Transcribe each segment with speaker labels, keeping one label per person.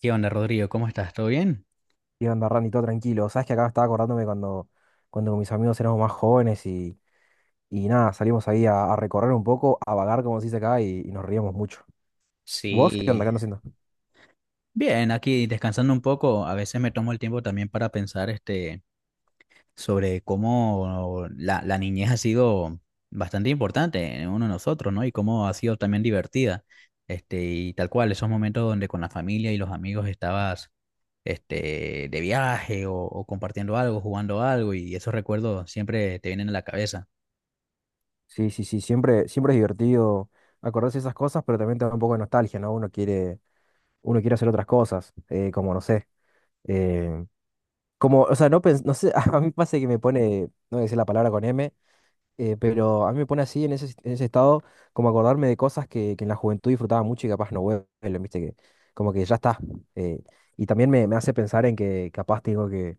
Speaker 1: ¿Qué onda, Rodrigo? ¿Cómo estás? ¿Todo bien?
Speaker 2: ¿Qué onda, Randy? Todo tranquilo. Sabes que acá estaba acordándome cuando con mis amigos éramos más jóvenes y nada, salimos ahí a recorrer un poco, a vagar, como se dice acá, y nos reíamos mucho. ¿Vos qué onda?
Speaker 1: Sí,
Speaker 2: ¿Qué andas haciendo?
Speaker 1: bien, aquí descansando un poco. A veces me tomo el tiempo también para pensar sobre cómo la niñez ha sido bastante importante en uno de nosotros, ¿no? Y cómo ha sido también divertida. Y tal cual, esos momentos donde con la familia y los amigos estabas de viaje o compartiendo algo, jugando algo, y esos recuerdos siempre te vienen a la cabeza.
Speaker 2: Sí, sí, sí, siempre, siempre es divertido acordarse de esas cosas, pero también te da un poco de nostalgia, ¿no? Uno quiere hacer otras cosas, como no sé. eh, Como, o sea, no, no sé, a mí pasa que me pone, no voy a decir la palabra con M. Pero a mí me pone así en ese estado, como acordarme de cosas que en la juventud disfrutaba mucho y capaz no vuelven, viste, que como que ya está. eh, y también me hace pensar en que capaz tengo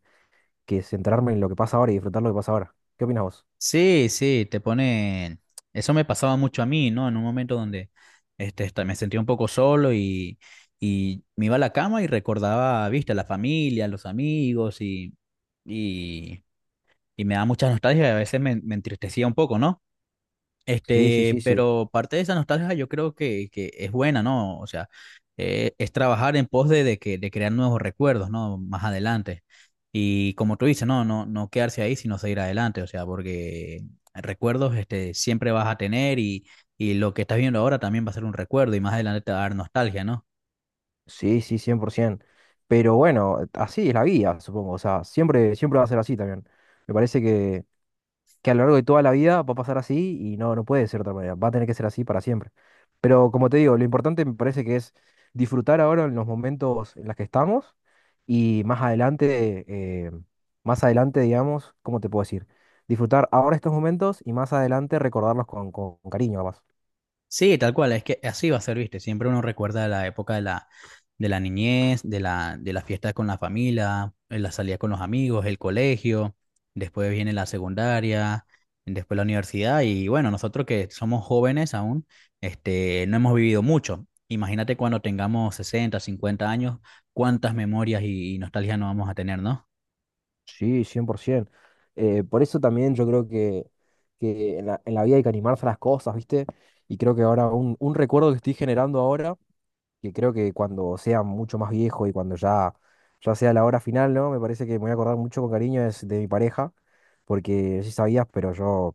Speaker 2: que centrarme en lo que pasa ahora y disfrutar lo que pasa ahora. ¿Qué opinas vos?
Speaker 1: Sí, sí, Eso me pasaba mucho a mí, ¿no? En un momento donde me sentía un poco solo y me iba a la cama y recordaba, viste, la familia, los amigos y, y me daba mucha nostalgia y a veces me entristecía un poco, ¿no?
Speaker 2: Sí, sí, sí, sí.
Speaker 1: Pero parte de esa nostalgia yo creo que es buena, ¿no? O sea, es trabajar en pos de, de crear nuevos recuerdos, ¿no? Más adelante. Y como tú dices, no, no, no quedarse ahí, sino seguir adelante, o sea, porque recuerdos, siempre vas a tener y lo que estás viendo ahora también va a ser un recuerdo y más adelante te va a dar nostalgia, ¿no?
Speaker 2: Sí, sí, 100%. Pero bueno, así es la vida, supongo. O sea, siempre, siempre va a ser así también. Me parece que a lo largo de toda la vida va a pasar así y no, no puede ser de otra manera, va a tener que ser así para siempre. Pero como te digo, lo importante me parece que es disfrutar ahora en los momentos en los que estamos y eh, más adelante, digamos, ¿cómo te puedo decir? Disfrutar ahora estos momentos y más adelante recordarlos con, con cariño, capaz.
Speaker 1: Sí, tal cual, es que así va a ser, viste. Siempre uno recuerda la época de la niñez, de la, de las fiestas con la familia, la salida con los amigos, el colegio, después viene la secundaria, después la universidad. Y bueno, nosotros que somos jóvenes aún, no hemos vivido mucho. Imagínate cuando tengamos 60, 50 años, cuántas memorias y nostalgia no vamos a tener, ¿no?
Speaker 2: Sí, 100%. Por eso también yo creo que en la vida hay que animarse a las cosas, ¿viste? Y creo que ahora un recuerdo que estoy generando ahora que creo que cuando sea mucho más viejo y cuando ya sea la hora final, ¿no? Me parece que me voy a acordar mucho con cariño es de mi pareja, porque sí sabías, pero yo,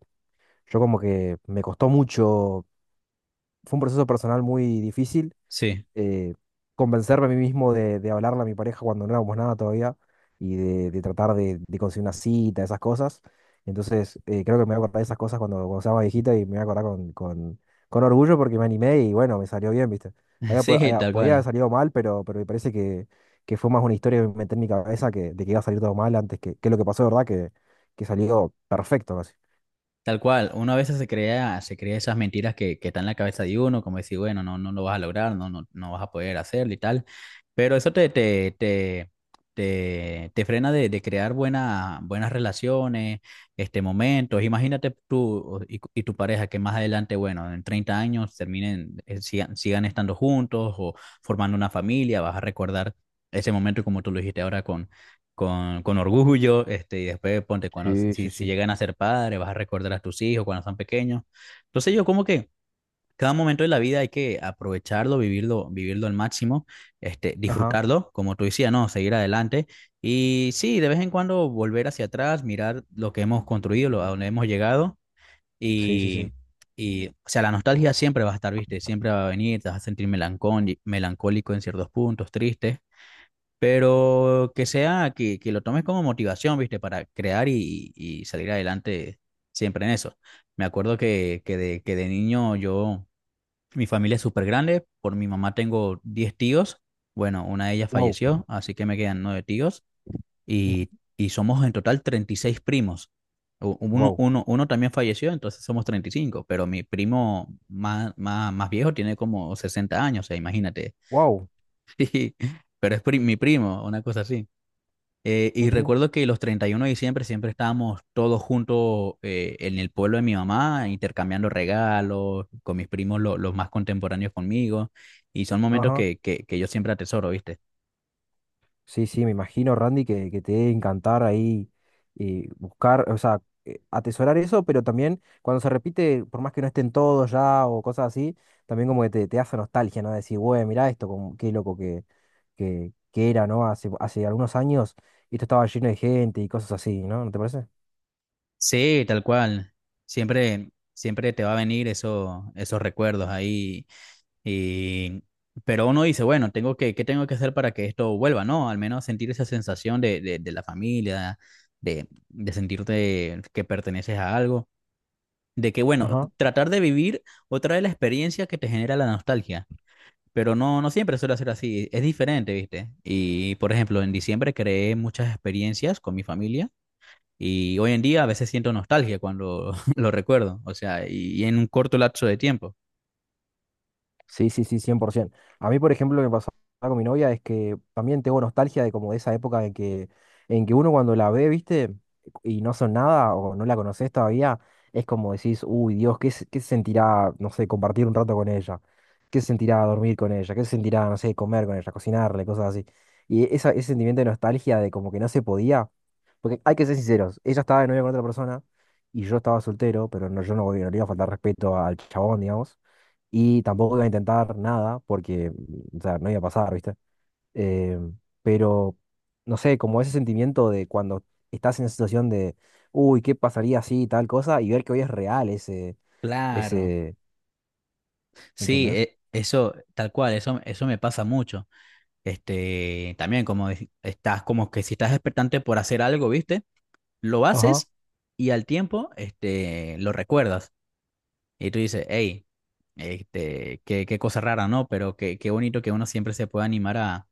Speaker 2: yo como que me costó mucho, fue un proceso personal muy difícil,
Speaker 1: Sí,
Speaker 2: eh, convencerme a mí mismo de hablarle a mi pareja cuando no éramos nada todavía y de tratar de conseguir una cita, esas cosas. Entonces, creo que me voy a acordar de esas cosas cuando sea más viejita y me voy a acordar con orgullo porque me animé y bueno, me salió bien, ¿viste?
Speaker 1: sí, tal
Speaker 2: Podía haber
Speaker 1: cual.
Speaker 2: salido mal, pero me parece que fue más una historia que me metí en mi cabeza de que iba a salir todo mal antes que lo que pasó, ¿de verdad? Que salió perfecto casi.
Speaker 1: Tal cual, uno a veces se crea esas mentiras que están en la cabeza de uno, como decir, bueno, no, no lo vas a lograr, no, no, no vas a poder hacerlo y tal, pero eso te frena de crear buena, buenas relaciones, momentos. Imagínate tú y tu pareja que más adelante, bueno, en 30 años terminen, sigan estando juntos o formando una familia, vas a recordar ese momento como tú lo dijiste ahora con, con orgullo, y después ponte, cuando
Speaker 2: Sí,
Speaker 1: si,
Speaker 2: sí,
Speaker 1: si
Speaker 2: sí.
Speaker 1: llegan a ser padres, vas a recordar a tus hijos cuando son pequeños. Entonces yo como que cada momento de la vida hay que aprovecharlo, vivirlo al máximo,
Speaker 2: Ajá,
Speaker 1: disfrutarlo, como tú decías, ¿no? Seguir adelante y sí, de vez en cuando volver hacia atrás, mirar lo que hemos construido, lo, a donde hemos llegado
Speaker 2: sí, sí,
Speaker 1: y,
Speaker 2: sí.
Speaker 1: o sea, la nostalgia siempre va a estar, ¿viste? Siempre va a venir, te vas a sentir melancólico en ciertos puntos, triste, pero que sea, que lo tomes como motivación, ¿viste? Para crear y salir adelante siempre en eso. Me acuerdo que de niño yo, mi familia es súper grande. Por mi mamá tengo 10 tíos. Bueno, una de ellas
Speaker 2: Wow,
Speaker 1: falleció, así que me quedan 9 tíos
Speaker 2: ujú,
Speaker 1: y, y somos en total 36 primos. U- Uno,
Speaker 2: wow,
Speaker 1: uno, uno también falleció, entonces somos 35, pero mi primo más viejo tiene como 60 años, o sea, imagínate.
Speaker 2: wow,
Speaker 1: Pero es mi primo, una cosa así. Y
Speaker 2: ujú,
Speaker 1: recuerdo que los 31 de diciembre siempre estábamos todos juntos, en el pueblo de mi mamá, intercambiando regalos con mis primos, los más contemporáneos conmigo. Y son momentos
Speaker 2: ajá.
Speaker 1: que yo siempre atesoro, ¿viste?
Speaker 2: Sí, sí, me imagino, Randy, que te debe encantar ahí buscar, o sea, atesorar eso, pero también cuando se repite, por más que no estén todos ya o cosas así, también como que te hace nostalgia, ¿no? Decir, güey, mirá esto, como, qué loco que era, ¿no? Hace, hace algunos años esto estaba lleno de gente y cosas así, ¿no? ¿No te parece?
Speaker 1: Sí, tal cual. Siempre, siempre te va a venir eso, esos recuerdos ahí. Y, pero uno dice, bueno, tengo que, ¿qué tengo que hacer para que esto vuelva, ¿no? Al menos sentir esa sensación de la familia, de sentirte que perteneces a algo. De que, bueno, tratar de vivir otra vez la experiencia que te genera la nostalgia. Pero no, no siempre suele ser así. Es diferente, ¿viste? Y, por ejemplo, en diciembre creé muchas experiencias con mi familia. Y hoy en día a veces siento nostalgia cuando lo recuerdo. O sea, y en un corto lapso de tiempo.
Speaker 2: Sí, sí, sí, 100%. A mí, por ejemplo, lo que pasaba con mi novia es que también tengo nostalgia de como de esa época en que uno cuando la ve, viste, y no son nada o no la conoces todavía, es como decís, uy, Dios, ¿qué, qué se sentirá, no sé, compartir un rato con ella? ¿Qué se sentirá dormir con ella? ¿Qué se sentirá, no sé, comer con ella, cocinarle, cosas así? Y esa, ese sentimiento de nostalgia de como que no se podía, porque hay que ser sinceros, ella estaba de novia con otra persona y yo estaba soltero, pero no, yo no, no le iba a faltar respeto al chabón, digamos. Y tampoco iba a intentar nada porque, o sea, no iba a pasar, ¿viste? Eh, pero, no sé, como ese sentimiento de cuando estás en esa situación de, uy, ¿qué pasaría si tal cosa? Y ver que hoy es real ese,
Speaker 1: Claro.
Speaker 2: ese,
Speaker 1: Sí,
Speaker 2: ¿entendés?
Speaker 1: eso, tal cual, eso me pasa mucho. También como estás, como que si estás expectante por hacer algo, ¿viste? Lo
Speaker 2: Ajá.
Speaker 1: haces y al tiempo, lo recuerdas. Y tú dices, hey, qué cosa rara, ¿no? Pero qué bonito que uno siempre se pueda animar a,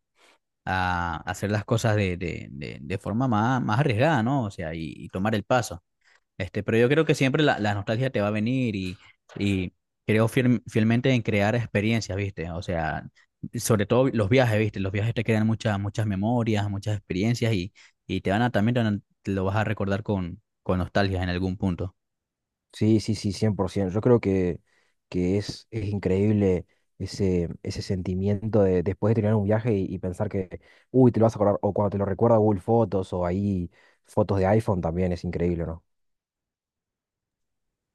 Speaker 1: a hacer las cosas de forma más arriesgada, ¿no? O sea, y tomar el paso. Pero yo creo que siempre la nostalgia te va a venir y creo fielmente en crear experiencias, ¿viste? O sea, sobre todo los viajes, ¿viste? Los viajes te crean muchas, muchas memorias, muchas experiencias y te van a te lo vas a recordar con nostalgia en algún punto.
Speaker 2: Sí, sí, sí, 100%. Yo creo que es increíble ese, ese sentimiento de después de terminar un viaje y pensar que, uy, te lo vas a acordar, o cuando te lo recuerda Google Fotos o ahí fotos de iPhone también es increíble, ¿no?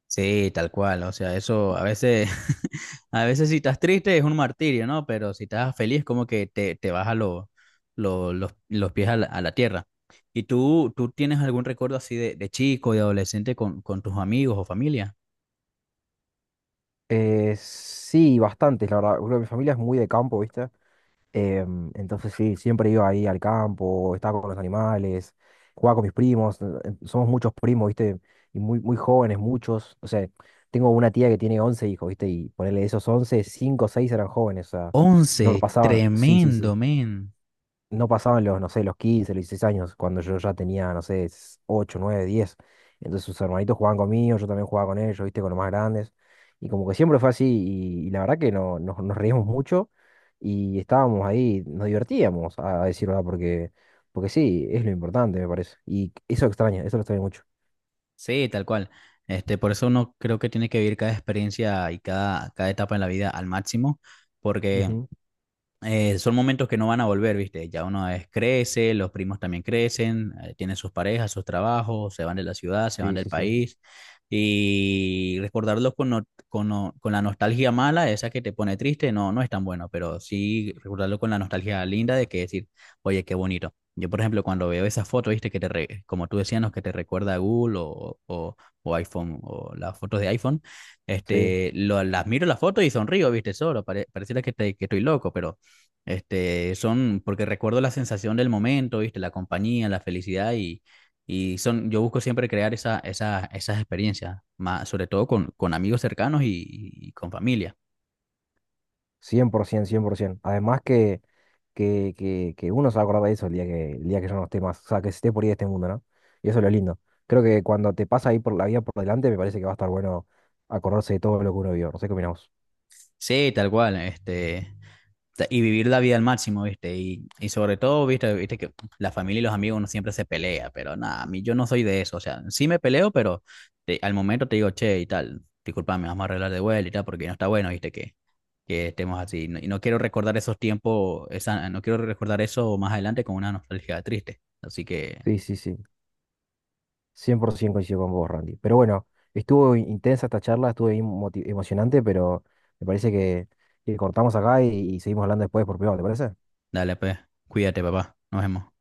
Speaker 1: Sí, tal cual, o sea, eso a veces, a veces si estás triste es un martirio, ¿no? Pero si estás feliz como que te baja los pies a la tierra. ¿Y tú tienes algún recuerdo así de chico, de adolescente con tus amigos o familia?
Speaker 2: Sí, bastantes, la verdad. Bueno, mi familia es muy de campo, ¿viste? Entonces sí, siempre iba ahí al campo, estaba con los animales, jugaba con mis primos. Somos muchos primos, ¿viste? Y muy, muy jóvenes, muchos. O sea, tengo una tía que tiene 11 hijos, ¿viste? Y ponerle esos 11 5 o 6 eran jóvenes, o sea,
Speaker 1: Once,
Speaker 2: no pasaban. Sí, sí, sí,
Speaker 1: tremendo, men.
Speaker 2: no pasaban los, no sé, los 15 los 16 años, cuando yo ya tenía, no sé, 8 9 10. Entonces sus hermanitos jugaban conmigo, yo también jugaba con ellos, viste, con los más grandes. Y como que siempre fue así, y la verdad que no, nos, nos reíamos mucho y estábamos ahí, nos divertíamos, a decir verdad, porque, porque sí, es lo importante, me parece. Y eso extraña eso lo extraño mucho.
Speaker 1: Sí, tal cual. Por eso uno creo que tiene que vivir cada experiencia y cada etapa en la vida al máximo, porque
Speaker 2: Ujú,
Speaker 1: son momentos que no van a volver, ¿viste? Ya uno es, crece, los primos también crecen, tienen sus parejas, sus trabajos, se van de la ciudad, se van
Speaker 2: sí,
Speaker 1: del
Speaker 2: sí, sí.
Speaker 1: país. Y recordarlos con, no- con, no- con la nostalgia mala, esa que te pone triste, no, no es tan bueno, pero sí recordarlo con la nostalgia linda de que decir, oye, qué bonito. Yo, por ejemplo, cuando veo esas fotos, ¿viste? Que como tú decías, ¿no? Que te recuerda a Google o iPhone, o las fotos de iPhone,
Speaker 2: Sí.
Speaker 1: las miro las fotos y sonrío, ¿viste? Solo, pareciera que, que estoy loco, pero porque recuerdo la sensación del momento, ¿viste? La compañía, la felicidad yo busco siempre crear esas experiencias, más, sobre todo con amigos cercanos y con familia.
Speaker 2: Cien por ciento, 100 por 100%. Además que uno se va a acordar de eso el día que yo no esté más, o sea, que esté por ahí de este mundo, ¿no? Y eso es lo lindo. Creo que cuando te pasa ahí por la vida por delante, me parece que va a estar bueno acordarse de todo lo que uno vio. No sé qué opinamos.
Speaker 1: Sí, tal cual, y vivir la vida al máximo, ¿viste? Y sobre todo, ¿viste? Viste que la familia y los amigos uno siempre se pelea, pero nada, a mí yo no soy de eso, o sea, sí me peleo, pero al momento te digo, che, y tal, discúlpame, vamos a arreglar de vuelta y tal, porque no está bueno, ¿viste? Que estemos así, y no quiero recordar esos tiempos, esa, no quiero recordar eso más adelante con una nostalgia triste, así que
Speaker 2: Sí, sí, sí. 100% coincido con vos, Randy. Pero bueno, estuvo intensa esta charla, estuvo bien emocionante, pero me parece que cortamos acá y seguimos hablando después por privado, ¿te parece?
Speaker 1: dale, pues, cuídate, papá, nos vemos.